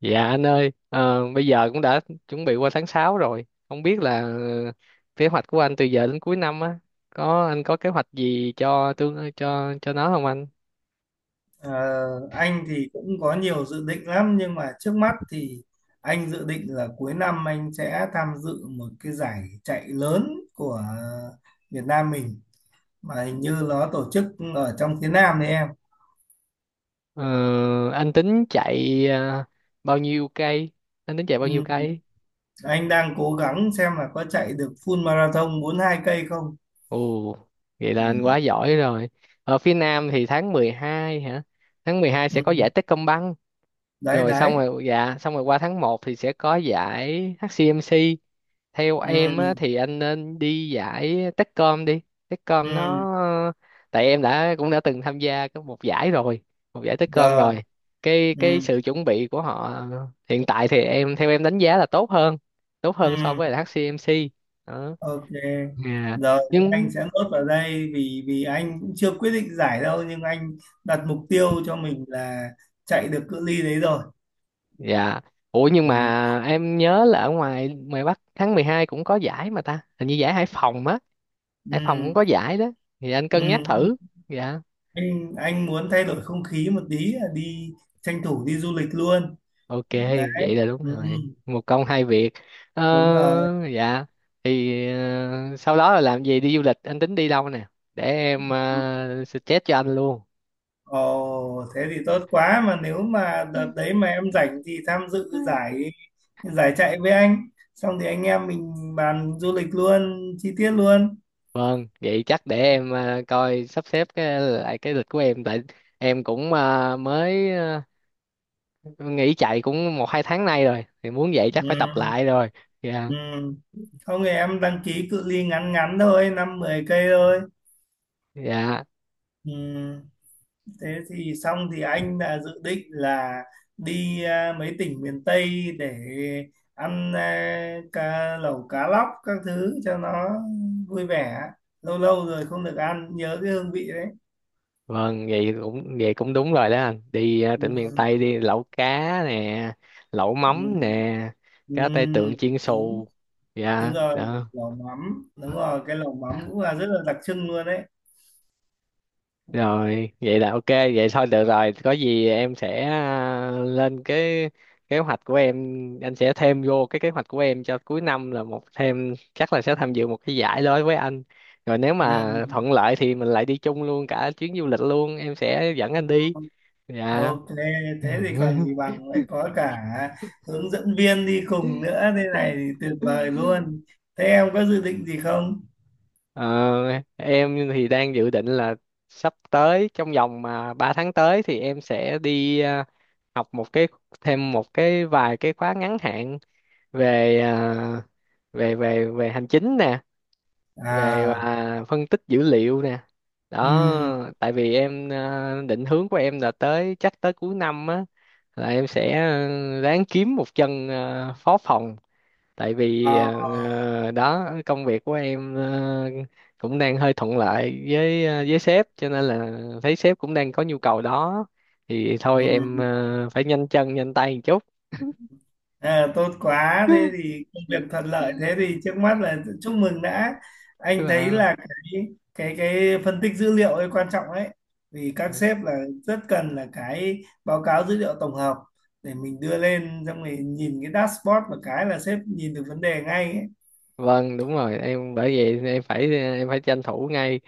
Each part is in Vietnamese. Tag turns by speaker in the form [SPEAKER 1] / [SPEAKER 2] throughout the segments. [SPEAKER 1] Dạ anh ơi, bây giờ cũng đã chuẩn bị qua tháng 6 rồi. Không biết là kế hoạch của anh từ giờ đến cuối năm á, có anh có kế hoạch gì cho tương cho nó không anh?
[SPEAKER 2] Ờ, anh thì cũng có nhiều dự định lắm nhưng mà trước mắt thì anh dự định là cuối năm anh sẽ tham dự một cái giải chạy lớn của Việt Nam mình mà hình như nó tổ chức ở trong phía Nam đấy em.
[SPEAKER 1] Ờ, anh tính chạy bao nhiêu cây? Anh tính chạy bao
[SPEAKER 2] Ừ,
[SPEAKER 1] nhiêu cây?
[SPEAKER 2] anh đang cố gắng xem là có chạy được full marathon 42 cây không.
[SPEAKER 1] Ồ, vậy là anh quá
[SPEAKER 2] Ừ,
[SPEAKER 1] giỏi rồi. Ở phía Nam thì tháng 12 hả? Tháng 12
[SPEAKER 2] ừ,
[SPEAKER 1] sẽ có giải Techcombank,
[SPEAKER 2] đấy
[SPEAKER 1] rồi
[SPEAKER 2] đấy.
[SPEAKER 1] xong rồi, dạ, xong rồi qua tháng 1 thì sẽ có giải HCMC. Theo em á,
[SPEAKER 2] Ừ,
[SPEAKER 1] thì anh nên đi giải Techcom đi. Techcom
[SPEAKER 2] ừ,
[SPEAKER 1] nó, tại em đã cũng đã từng tham gia có một giải rồi, một giải Techcom
[SPEAKER 2] rồi.
[SPEAKER 1] rồi, cái
[SPEAKER 2] Ừ,
[SPEAKER 1] sự chuẩn bị của họ hiện tại thì em, theo em đánh giá là tốt hơn, tốt hơn so
[SPEAKER 2] ừ.
[SPEAKER 1] với là HCMC đó.
[SPEAKER 2] Ok,
[SPEAKER 1] Dạ.
[SPEAKER 2] rồi anh
[SPEAKER 1] Nhưng,
[SPEAKER 2] sẽ nốt vào đây vì vì anh cũng chưa quyết định giải đâu nhưng anh đặt mục tiêu cho mình là chạy được cự ly đấy rồi.
[SPEAKER 1] dạ, ủa nhưng
[SPEAKER 2] Ừ,
[SPEAKER 1] mà em nhớ là ở ngoài ngoài Bắc tháng 12 cũng có giải mà ta, hình như giải Hải Phòng á.
[SPEAKER 2] ừ,
[SPEAKER 1] Hải Phòng cũng có giải đó, thì anh
[SPEAKER 2] ừ.
[SPEAKER 1] cân nhắc thử. Dạ.
[SPEAKER 2] Anh muốn thay đổi không khí một tí là đi tranh thủ đi du lịch luôn.
[SPEAKER 1] Ok,
[SPEAKER 2] Đấy,
[SPEAKER 1] vậy là đúng
[SPEAKER 2] ừ, ừ,
[SPEAKER 1] rồi. Một công hai việc.
[SPEAKER 2] đúng rồi.
[SPEAKER 1] Dạ. Thì sau đó là làm gì, đi du lịch? Anh tính đi đâu nè? Để em suggest cho anh luôn.
[SPEAKER 2] Ồ, thế thì tốt quá mà nếu mà đợt đấy mà em rảnh thì tham dự giải giải chạy với anh. Xong thì anh em mình bàn du lịch luôn, chi tiết luôn.
[SPEAKER 1] Vâng, vậy chắc để em coi sắp xếp cái, lại cái lịch của em. Tại em cũng mới nghỉ chạy cũng một hai tháng nay rồi. Thì muốn vậy chắc
[SPEAKER 2] Ừ.
[SPEAKER 1] phải tập lại rồi. Dạ,
[SPEAKER 2] Ừ. Không thì em đăng ký cự ly ngắn ngắn thôi 5, 10 cây thôi.
[SPEAKER 1] dạ.
[SPEAKER 2] Ừ. Thế thì xong thì anh đã dự định là đi mấy tỉnh miền Tây để ăn cá lẩu cá lóc các thứ cho nó vui vẻ, lâu lâu rồi không được ăn nhớ cái hương vị đấy.
[SPEAKER 1] Vâng, vậy cũng đúng rồi đó anh. Đi tỉnh miền
[SPEAKER 2] Ừ.
[SPEAKER 1] Tây đi lẩu cá nè, lẩu
[SPEAKER 2] Ừ.
[SPEAKER 1] mắm nè,
[SPEAKER 2] Ừ.
[SPEAKER 1] cá tai tượng chiên
[SPEAKER 2] đúng
[SPEAKER 1] xù.
[SPEAKER 2] đúng
[SPEAKER 1] Dạ,
[SPEAKER 2] rồi,
[SPEAKER 1] đó.
[SPEAKER 2] lẩu mắm đúng rồi, cái lẩu mắm cũng là rất là đặc trưng luôn đấy.
[SPEAKER 1] Rồi, vậy là ok, vậy thôi được rồi. Có gì em sẽ lên cái kế hoạch của em, anh sẽ thêm vô cái kế hoạch của em cho cuối năm là một thêm chắc là sẽ tham dự một cái giải đối với anh. Rồi nếu mà thuận lợi thì mình lại đi chung luôn cả chuyến du lịch luôn, em sẽ dẫn anh đi.
[SPEAKER 2] Ừ.
[SPEAKER 1] Dạ.
[SPEAKER 2] Ok, thế thì còn gì bằng lại có cả hướng dẫn viên đi cùng nữa, thế này thì tuyệt vời luôn. Thế em có dự định gì không?
[SPEAKER 1] Ờ, em thì đang dự định là sắp tới trong vòng mà 3 tháng tới thì em sẽ đi học một cái, thêm một cái vài cái khóa ngắn hạn về à, về về về hành chính nè, về
[SPEAKER 2] À,
[SPEAKER 1] phân tích dữ liệu nè. Đó,
[SPEAKER 2] ừm,
[SPEAKER 1] tại vì em định hướng của em là tới chắc tới cuối năm á là em sẽ ráng kiếm một chân phó phòng tại vì
[SPEAKER 2] à,
[SPEAKER 1] đó, công việc của em cũng đang hơi thuận lợi với với sếp cho nên là thấy sếp cũng đang có nhu cầu đó, thì thôi em
[SPEAKER 2] ừm,
[SPEAKER 1] phải nhanh chân nhanh tay một chút.
[SPEAKER 2] à, tốt quá. Thế thì công việc thuận lợi. Thế thì trước mắt là chúc mừng đã. Anh thấy
[SPEAKER 1] Vâng,
[SPEAKER 2] là cái phân tích dữ liệu ấy quan trọng ấy. Vì các sếp là rất cần là cái báo cáo dữ liệu tổng hợp để mình đưa lên xong rồi nhìn cái dashboard một cái là sếp nhìn được vấn đề ngay ấy.
[SPEAKER 1] vâng, đúng rồi em, bởi vậy em phải em phải tranh thủ ngay.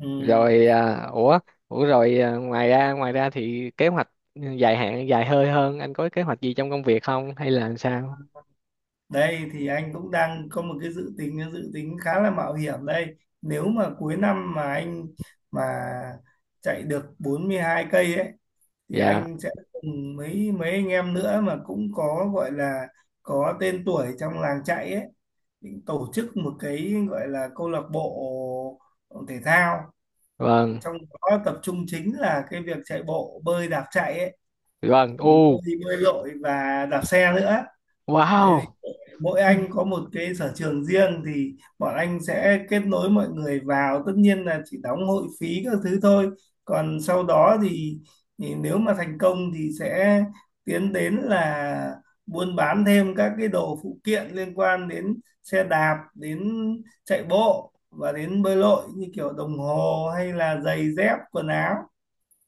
[SPEAKER 2] Ừ.
[SPEAKER 1] Rồi ủa, ủa rồi ngoài ra, ngoài ra thì kế hoạch dài hạn dài hơi hơn anh có kế hoạch gì trong công việc không hay là làm sao?
[SPEAKER 2] Đây thì anh cũng đang có một cái dự tính khá là mạo hiểm đây. Nếu mà cuối năm mà anh mà chạy được 42 cây ấy thì
[SPEAKER 1] Dạ.
[SPEAKER 2] anh sẽ cùng mấy mấy anh em nữa mà cũng có gọi là có tên tuổi trong làng chạy ấy, định tổ chức một cái gọi là câu lạc bộ thể thao,
[SPEAKER 1] Vâng,
[SPEAKER 2] trong đó tập trung chính là cái việc chạy bộ, bơi, đạp chạy ấy,
[SPEAKER 1] vâng,
[SPEAKER 2] ừ, bơi, bơi lội và đạp xe nữa. Đấy,
[SPEAKER 1] wow.
[SPEAKER 2] mỗi anh có một cái sở trường riêng thì bọn anh sẽ kết nối mọi người vào, tất nhiên là chỉ đóng hội phí các thứ thôi, còn sau đó thì nếu mà thành công thì sẽ tiến đến là buôn bán thêm các cái đồ phụ kiện liên quan đến xe đạp, đến chạy bộ và đến bơi lội như kiểu đồng hồ hay là giày dép quần áo.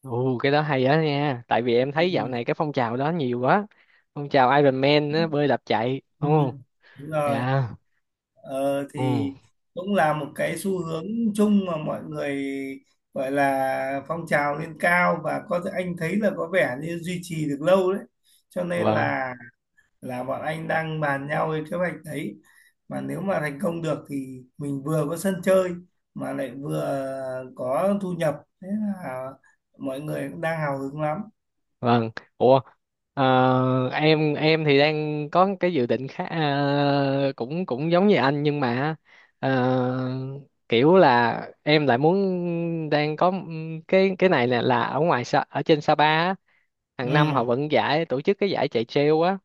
[SPEAKER 1] Ồ, cái đó hay đó nha. Tại vì em thấy dạo
[SPEAKER 2] Ừ,
[SPEAKER 1] này cái phong trào đó nhiều quá. Phong trào Iron Man á, bơi đạp chạy.
[SPEAKER 2] ừ,
[SPEAKER 1] Ồ,
[SPEAKER 2] đúng rồi.
[SPEAKER 1] dạ.
[SPEAKER 2] Ờ,
[SPEAKER 1] Ồ,
[SPEAKER 2] thì cũng là một cái xu hướng chung mà mọi người gọi là phong trào lên cao và có thể anh thấy là có vẻ như duy trì được lâu đấy, cho nên
[SPEAKER 1] vâng,
[SPEAKER 2] là bọn anh đang bàn nhau cái kế hoạch đấy, mà nếu mà thành công được thì mình vừa có sân chơi mà lại vừa có thu nhập, thế là mọi người cũng đang hào hứng lắm.
[SPEAKER 1] vâng. Ủa, em thì đang có cái dự định khác cũng cũng giống như anh nhưng mà ờ, kiểu là em lại muốn, đang có cái này là ở ngoài Sa- ở trên Sapa á,
[SPEAKER 2] Ừ,
[SPEAKER 1] hàng năm họ vẫn giải tổ chức cái giải chạy trail á.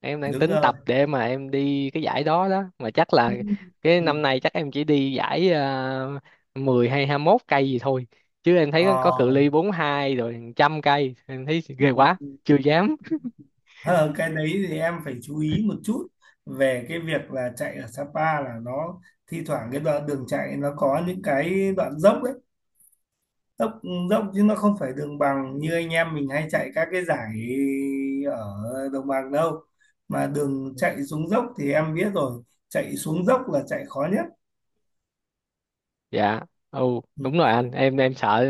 [SPEAKER 1] Em đang
[SPEAKER 2] đúng
[SPEAKER 1] tính
[SPEAKER 2] rồi.
[SPEAKER 1] tập để mà em đi cái giải đó đó, mà chắc là
[SPEAKER 2] Ừ.
[SPEAKER 1] cái
[SPEAKER 2] Ừ.
[SPEAKER 1] năm nay chắc em chỉ đi giải uh, 10 hay 21 cây gì thôi, chứ em
[SPEAKER 2] Ờ.
[SPEAKER 1] thấy có cự ly 42 rồi 100 cây em thấy ghê
[SPEAKER 2] Ừ,
[SPEAKER 1] quá,
[SPEAKER 2] ừ.
[SPEAKER 1] chưa dám.
[SPEAKER 2] Ờ, cái đấy thì em phải chú ý một chút về cái việc là chạy ở Sapa là nó thi thoảng cái đoạn đường chạy nó có những cái đoạn dốc đấy, dốc dốc chứ nó không phải đường bằng như anh em mình hay chạy các cái giải ở đồng bằng đâu, mà đường chạy xuống dốc thì em biết rồi, chạy xuống dốc là chạy khó nhất.
[SPEAKER 1] Dạ. Ừ,
[SPEAKER 2] Ừ,
[SPEAKER 1] đúng rồi anh, em sợ.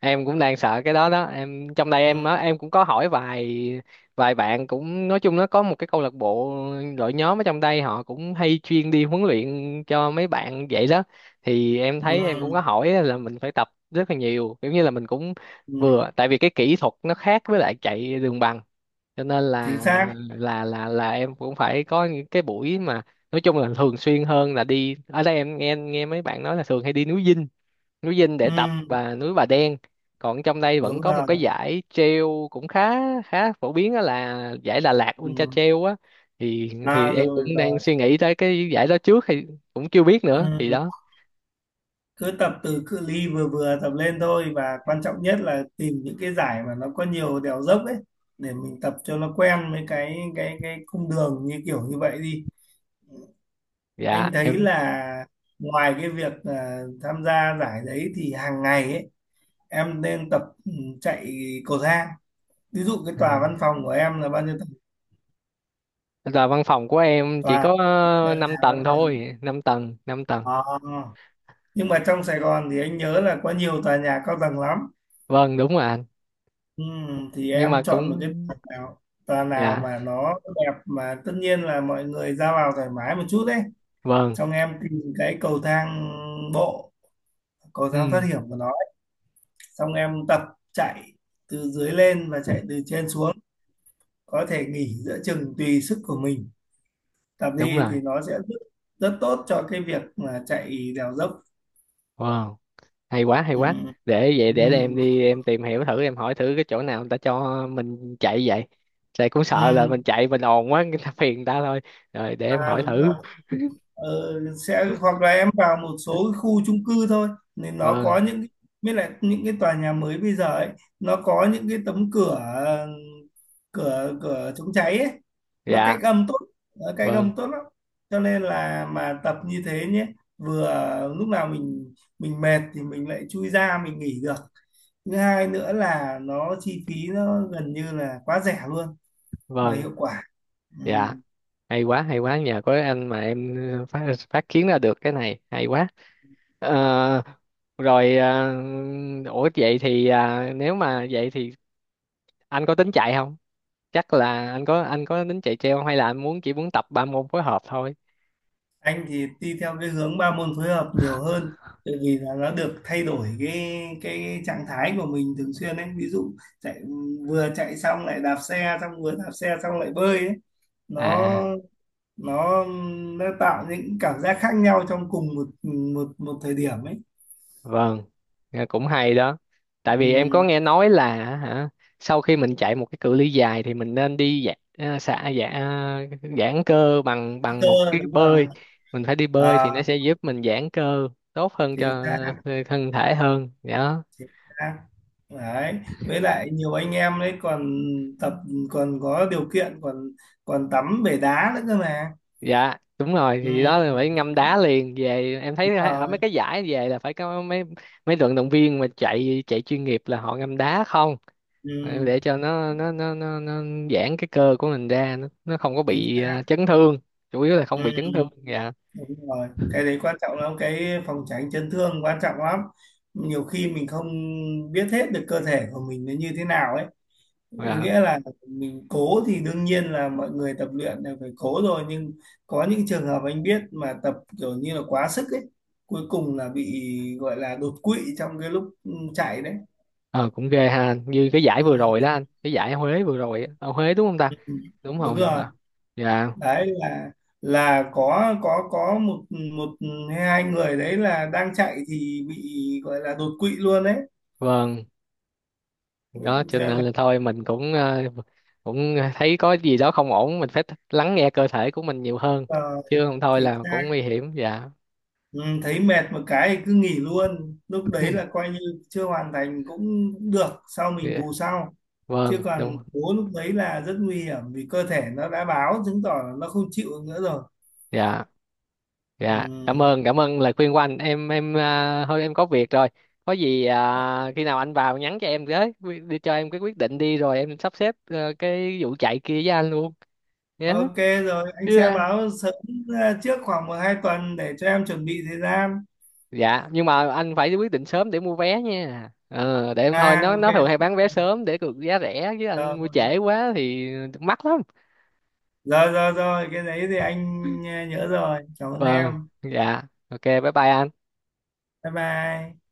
[SPEAKER 1] Em cũng đang sợ cái đó đó. Em trong đây em á,
[SPEAKER 2] ừ,
[SPEAKER 1] em cũng có hỏi vài vài bạn cũng nói chung nó có một cái câu lạc bộ, đội nhóm ở trong đây, họ cũng hay chuyên đi huấn luyện cho mấy bạn vậy đó. Thì em
[SPEAKER 2] ừ,
[SPEAKER 1] thấy em cũng có hỏi là mình phải tập rất là nhiều, kiểu như là mình cũng
[SPEAKER 2] ừ,
[SPEAKER 1] vừa, tại vì cái kỹ thuật nó khác với lại chạy đường bằng, cho nên
[SPEAKER 2] chính
[SPEAKER 1] là
[SPEAKER 2] xác.
[SPEAKER 1] em cũng phải có những cái buổi mà nói chung là thường xuyên hơn. Là đi, ở đây em nghe nghe mấy bạn nói là thường hay đi núi Dinh, núi Dinh để
[SPEAKER 2] Ừ,
[SPEAKER 1] tập, và núi Bà Đen. Còn trong đây vẫn
[SPEAKER 2] đúng
[SPEAKER 1] có một
[SPEAKER 2] rồi.
[SPEAKER 1] cái giải trail cũng khá khá phổ biến đó là giải Đà Lạt
[SPEAKER 2] Ừ,
[SPEAKER 1] Ultra Trail á. Thì
[SPEAKER 2] à
[SPEAKER 1] em
[SPEAKER 2] rồi
[SPEAKER 1] cũng đang
[SPEAKER 2] rồi.
[SPEAKER 1] suy nghĩ tới cái giải đó trước, thì cũng chưa biết
[SPEAKER 2] Ừ.
[SPEAKER 1] nữa thì đó.
[SPEAKER 2] Cứ tập từ cự ly vừa vừa tập lên thôi và quan trọng nhất là tìm những cái giải mà nó có nhiều đèo dốc ấy để mình tập cho nó quen với cái cái cung đường như kiểu như vậy đi.
[SPEAKER 1] Dạ,
[SPEAKER 2] Anh thấy
[SPEAKER 1] em.
[SPEAKER 2] là ngoài cái việc tham gia giải đấy thì hàng ngày ấy em nên tập, chạy cầu thang, ví dụ cái tòa văn
[SPEAKER 1] À,
[SPEAKER 2] phòng của em là bao nhiêu tầng,
[SPEAKER 1] là văn phòng của em chỉ
[SPEAKER 2] tòa
[SPEAKER 1] có
[SPEAKER 2] tòa nhà
[SPEAKER 1] 5
[SPEAKER 2] văn
[SPEAKER 1] tầng
[SPEAKER 2] phòng.
[SPEAKER 1] thôi, 5 tầng, 5 tầng.
[SPEAKER 2] Ờ. Nhưng mà trong Sài Gòn thì anh nhớ là có nhiều tòa nhà cao tầng lắm.
[SPEAKER 1] Vâng, đúng rồi anh.
[SPEAKER 2] Ừ, thì
[SPEAKER 1] Nhưng mà
[SPEAKER 2] em chọn một cái
[SPEAKER 1] cũng,
[SPEAKER 2] tòa nào
[SPEAKER 1] dạ,
[SPEAKER 2] mà nó đẹp mà tất nhiên là mọi người ra vào thoải mái một chút đấy,
[SPEAKER 1] vâng.
[SPEAKER 2] xong em tìm cái cầu thang bộ, cầu thang thoát
[SPEAKER 1] Ừ,
[SPEAKER 2] hiểm của nó ấy. Xong em tập chạy từ dưới lên và chạy từ trên xuống, có thể nghỉ giữa chừng tùy sức của mình, tập
[SPEAKER 1] đúng
[SPEAKER 2] đi
[SPEAKER 1] rồi.
[SPEAKER 2] thì nó sẽ rất, rất tốt cho cái việc mà chạy đèo dốc.
[SPEAKER 1] Vâng, hay quá, hay
[SPEAKER 2] Ừ,
[SPEAKER 1] quá. Để vậy, để
[SPEAKER 2] ừ,
[SPEAKER 1] em đi em tìm hiểu thử, em hỏi thử cái chỗ nào người ta cho mình chạy vậy, tại cũng
[SPEAKER 2] ừ.
[SPEAKER 1] sợ là mình chạy mình ồn quá, người ta phiền người ta thôi. Rồi để em
[SPEAKER 2] À,
[SPEAKER 1] hỏi
[SPEAKER 2] đúng
[SPEAKER 1] thử.
[SPEAKER 2] rồi. Ờ, sẽ hoặc là em vào một số cái khu chung cư thôi nên nó
[SPEAKER 1] Vâng.
[SPEAKER 2] có những cái- mới lại những cái tòa nhà mới bây giờ ấy, nó có những cái tấm cửa, cửa chống cháy ấy, nó
[SPEAKER 1] Dạ,
[SPEAKER 2] cách âm tốt, nó cách
[SPEAKER 1] vâng,
[SPEAKER 2] âm tốt lắm, cho nên là mà tập như thế nhé, vừa lúc nào mình mệt thì mình lại chui ra mình nghỉ được, thứ hai nữa là nó chi phí nó gần như là quá rẻ luôn mà
[SPEAKER 1] vâng.
[SPEAKER 2] hiệu quả. Ừ.
[SPEAKER 1] Dạ, hay quá, hay quá, nhờ có anh mà em phát phát kiến ra được cái này, hay quá. Ờ, rồi ủa vậy thì nếu mà vậy thì anh có tính chạy không, chắc là anh có tính chạy treo không, hay là anh muốn chỉ muốn tập ba môn phối hợp thôi?
[SPEAKER 2] Anh thì đi theo cái hướng ba môn phối hợp nhiều hơn, tại vì là nó được thay đổi cái trạng thái của mình thường xuyên ấy, ví dụ chạy vừa chạy xong lại đạp xe, xong vừa đạp xe xong lại bơi ấy. nó
[SPEAKER 1] À,
[SPEAKER 2] nó nó tạo những cảm giác khác nhau trong cùng một một một thời điểm ấy.
[SPEAKER 1] vâng, nghe cũng hay đó. Tại vì em có
[SPEAKER 2] Ừ,
[SPEAKER 1] nghe nói là hả, sau khi mình chạy một cái cự ly dài thì mình nên đi giãn xả, giãn giãn cơ bằng bằng
[SPEAKER 2] cơ
[SPEAKER 1] một cái
[SPEAKER 2] đúng rồi.
[SPEAKER 1] bơi. Mình phải đi bơi
[SPEAKER 2] à,
[SPEAKER 1] thì nó sẽ giúp mình giãn cơ tốt hơn
[SPEAKER 2] Chính
[SPEAKER 1] cho
[SPEAKER 2] xác,
[SPEAKER 1] thân thể hơn đó.
[SPEAKER 2] chính xác đấy, với lại nhiều anh em đấy còn tập, còn có điều kiện còn còn tắm bể đá nữa cơ mà.
[SPEAKER 1] Dạ, đúng rồi,
[SPEAKER 2] Ừ,
[SPEAKER 1] thì đó là phải ngâm đá liền về. Em
[SPEAKER 2] đúng
[SPEAKER 1] thấy ở mấy
[SPEAKER 2] rồi.
[SPEAKER 1] cái giải về là phải có mấy mấy vận động viên mà chạy chạy chuyên nghiệp là họ ngâm đá không. Ờ,
[SPEAKER 2] Ừ,
[SPEAKER 1] để cho nó giãn cái cơ của mình ra, nó không có
[SPEAKER 2] chính
[SPEAKER 1] bị
[SPEAKER 2] xác.
[SPEAKER 1] chấn thương, chủ yếu là không
[SPEAKER 2] Ừ,
[SPEAKER 1] bị chấn thương. Dạ.
[SPEAKER 2] đúng rồi. Cái đấy quan trọng lắm, cái phòng tránh chấn thương quan trọng lắm. Nhiều khi mình không biết hết được cơ thể của mình nó như thế nào ấy.
[SPEAKER 1] Dạ.
[SPEAKER 2] Nghĩa là mình cố thì đương nhiên là mọi người tập luyện là phải cố rồi, nhưng có những trường hợp anh biết mà tập kiểu như là quá sức ấy, cuối cùng là bị gọi là đột quỵ trong cái lúc chạy đấy.
[SPEAKER 1] Ờ cũng ghê ha, như cái giải
[SPEAKER 2] Ừ,
[SPEAKER 1] vừa rồi đó anh, cái giải Huế vừa rồi ở Huế, đúng không ta?
[SPEAKER 2] ừ, ừ.
[SPEAKER 1] Đúng
[SPEAKER 2] Đúng
[SPEAKER 1] rồi
[SPEAKER 2] rồi.
[SPEAKER 1] hả? Dạ.
[SPEAKER 2] Đấy là có có một một hay hai người đấy là đang chạy thì bị gọi là đột quỵ luôn đấy,
[SPEAKER 1] Vâng, đó cho
[SPEAKER 2] cho nên
[SPEAKER 1] nên
[SPEAKER 2] là
[SPEAKER 1] là thôi mình cũng cũng thấy có gì đó không ổn mình phải lắng nghe cơ thể của mình nhiều hơn,
[SPEAKER 2] ờ,
[SPEAKER 1] chứ không thôi
[SPEAKER 2] thì
[SPEAKER 1] là
[SPEAKER 2] ra,
[SPEAKER 1] cũng nguy hiểm. Dạ.
[SPEAKER 2] ừ, thấy mệt một cái thì cứ nghỉ luôn, lúc đấy là coi như chưa hoàn thành cũng, cũng được, sau mình
[SPEAKER 1] Dạ,
[SPEAKER 2] bù sau, chứ
[SPEAKER 1] vâng,
[SPEAKER 2] còn
[SPEAKER 1] đúng.
[SPEAKER 2] bố lúc đấy là rất nguy hiểm vì cơ thể nó đã báo, chứng tỏ là nó không chịu nữa rồi.
[SPEAKER 1] Dạ. Dạ, cảm
[SPEAKER 2] Ừ.
[SPEAKER 1] ơn, cảm ơn lời khuyên của anh. Em thôi em có việc rồi. Có gì khi nào anh vào nhắn cho em với đi cho em cái quyết định đi rồi em sắp xếp cái vụ chạy kia với anh luôn
[SPEAKER 2] Ok, rồi anh sẽ
[SPEAKER 1] nhé.
[SPEAKER 2] báo sớm, trước khoảng 1-2 tuần để cho em chuẩn bị thời gian.
[SPEAKER 1] Dạ, nhưng mà anh phải quyết định sớm để mua vé nha. Ờ để em, thôi, nó
[SPEAKER 2] Ok,
[SPEAKER 1] nó thường hay bán vé
[SPEAKER 2] ok,
[SPEAKER 1] sớm để được giá rẻ, chứ anh mua
[SPEAKER 2] rồi,
[SPEAKER 1] trễ quá thì mắc lắm.
[SPEAKER 2] rồi, rồi, rồi cái đấy thì anh nhớ rồi, cảm ơn
[SPEAKER 1] Vâng.
[SPEAKER 2] em.
[SPEAKER 1] Dạ. Ok, bye bye anh.
[SPEAKER 2] Bye bye.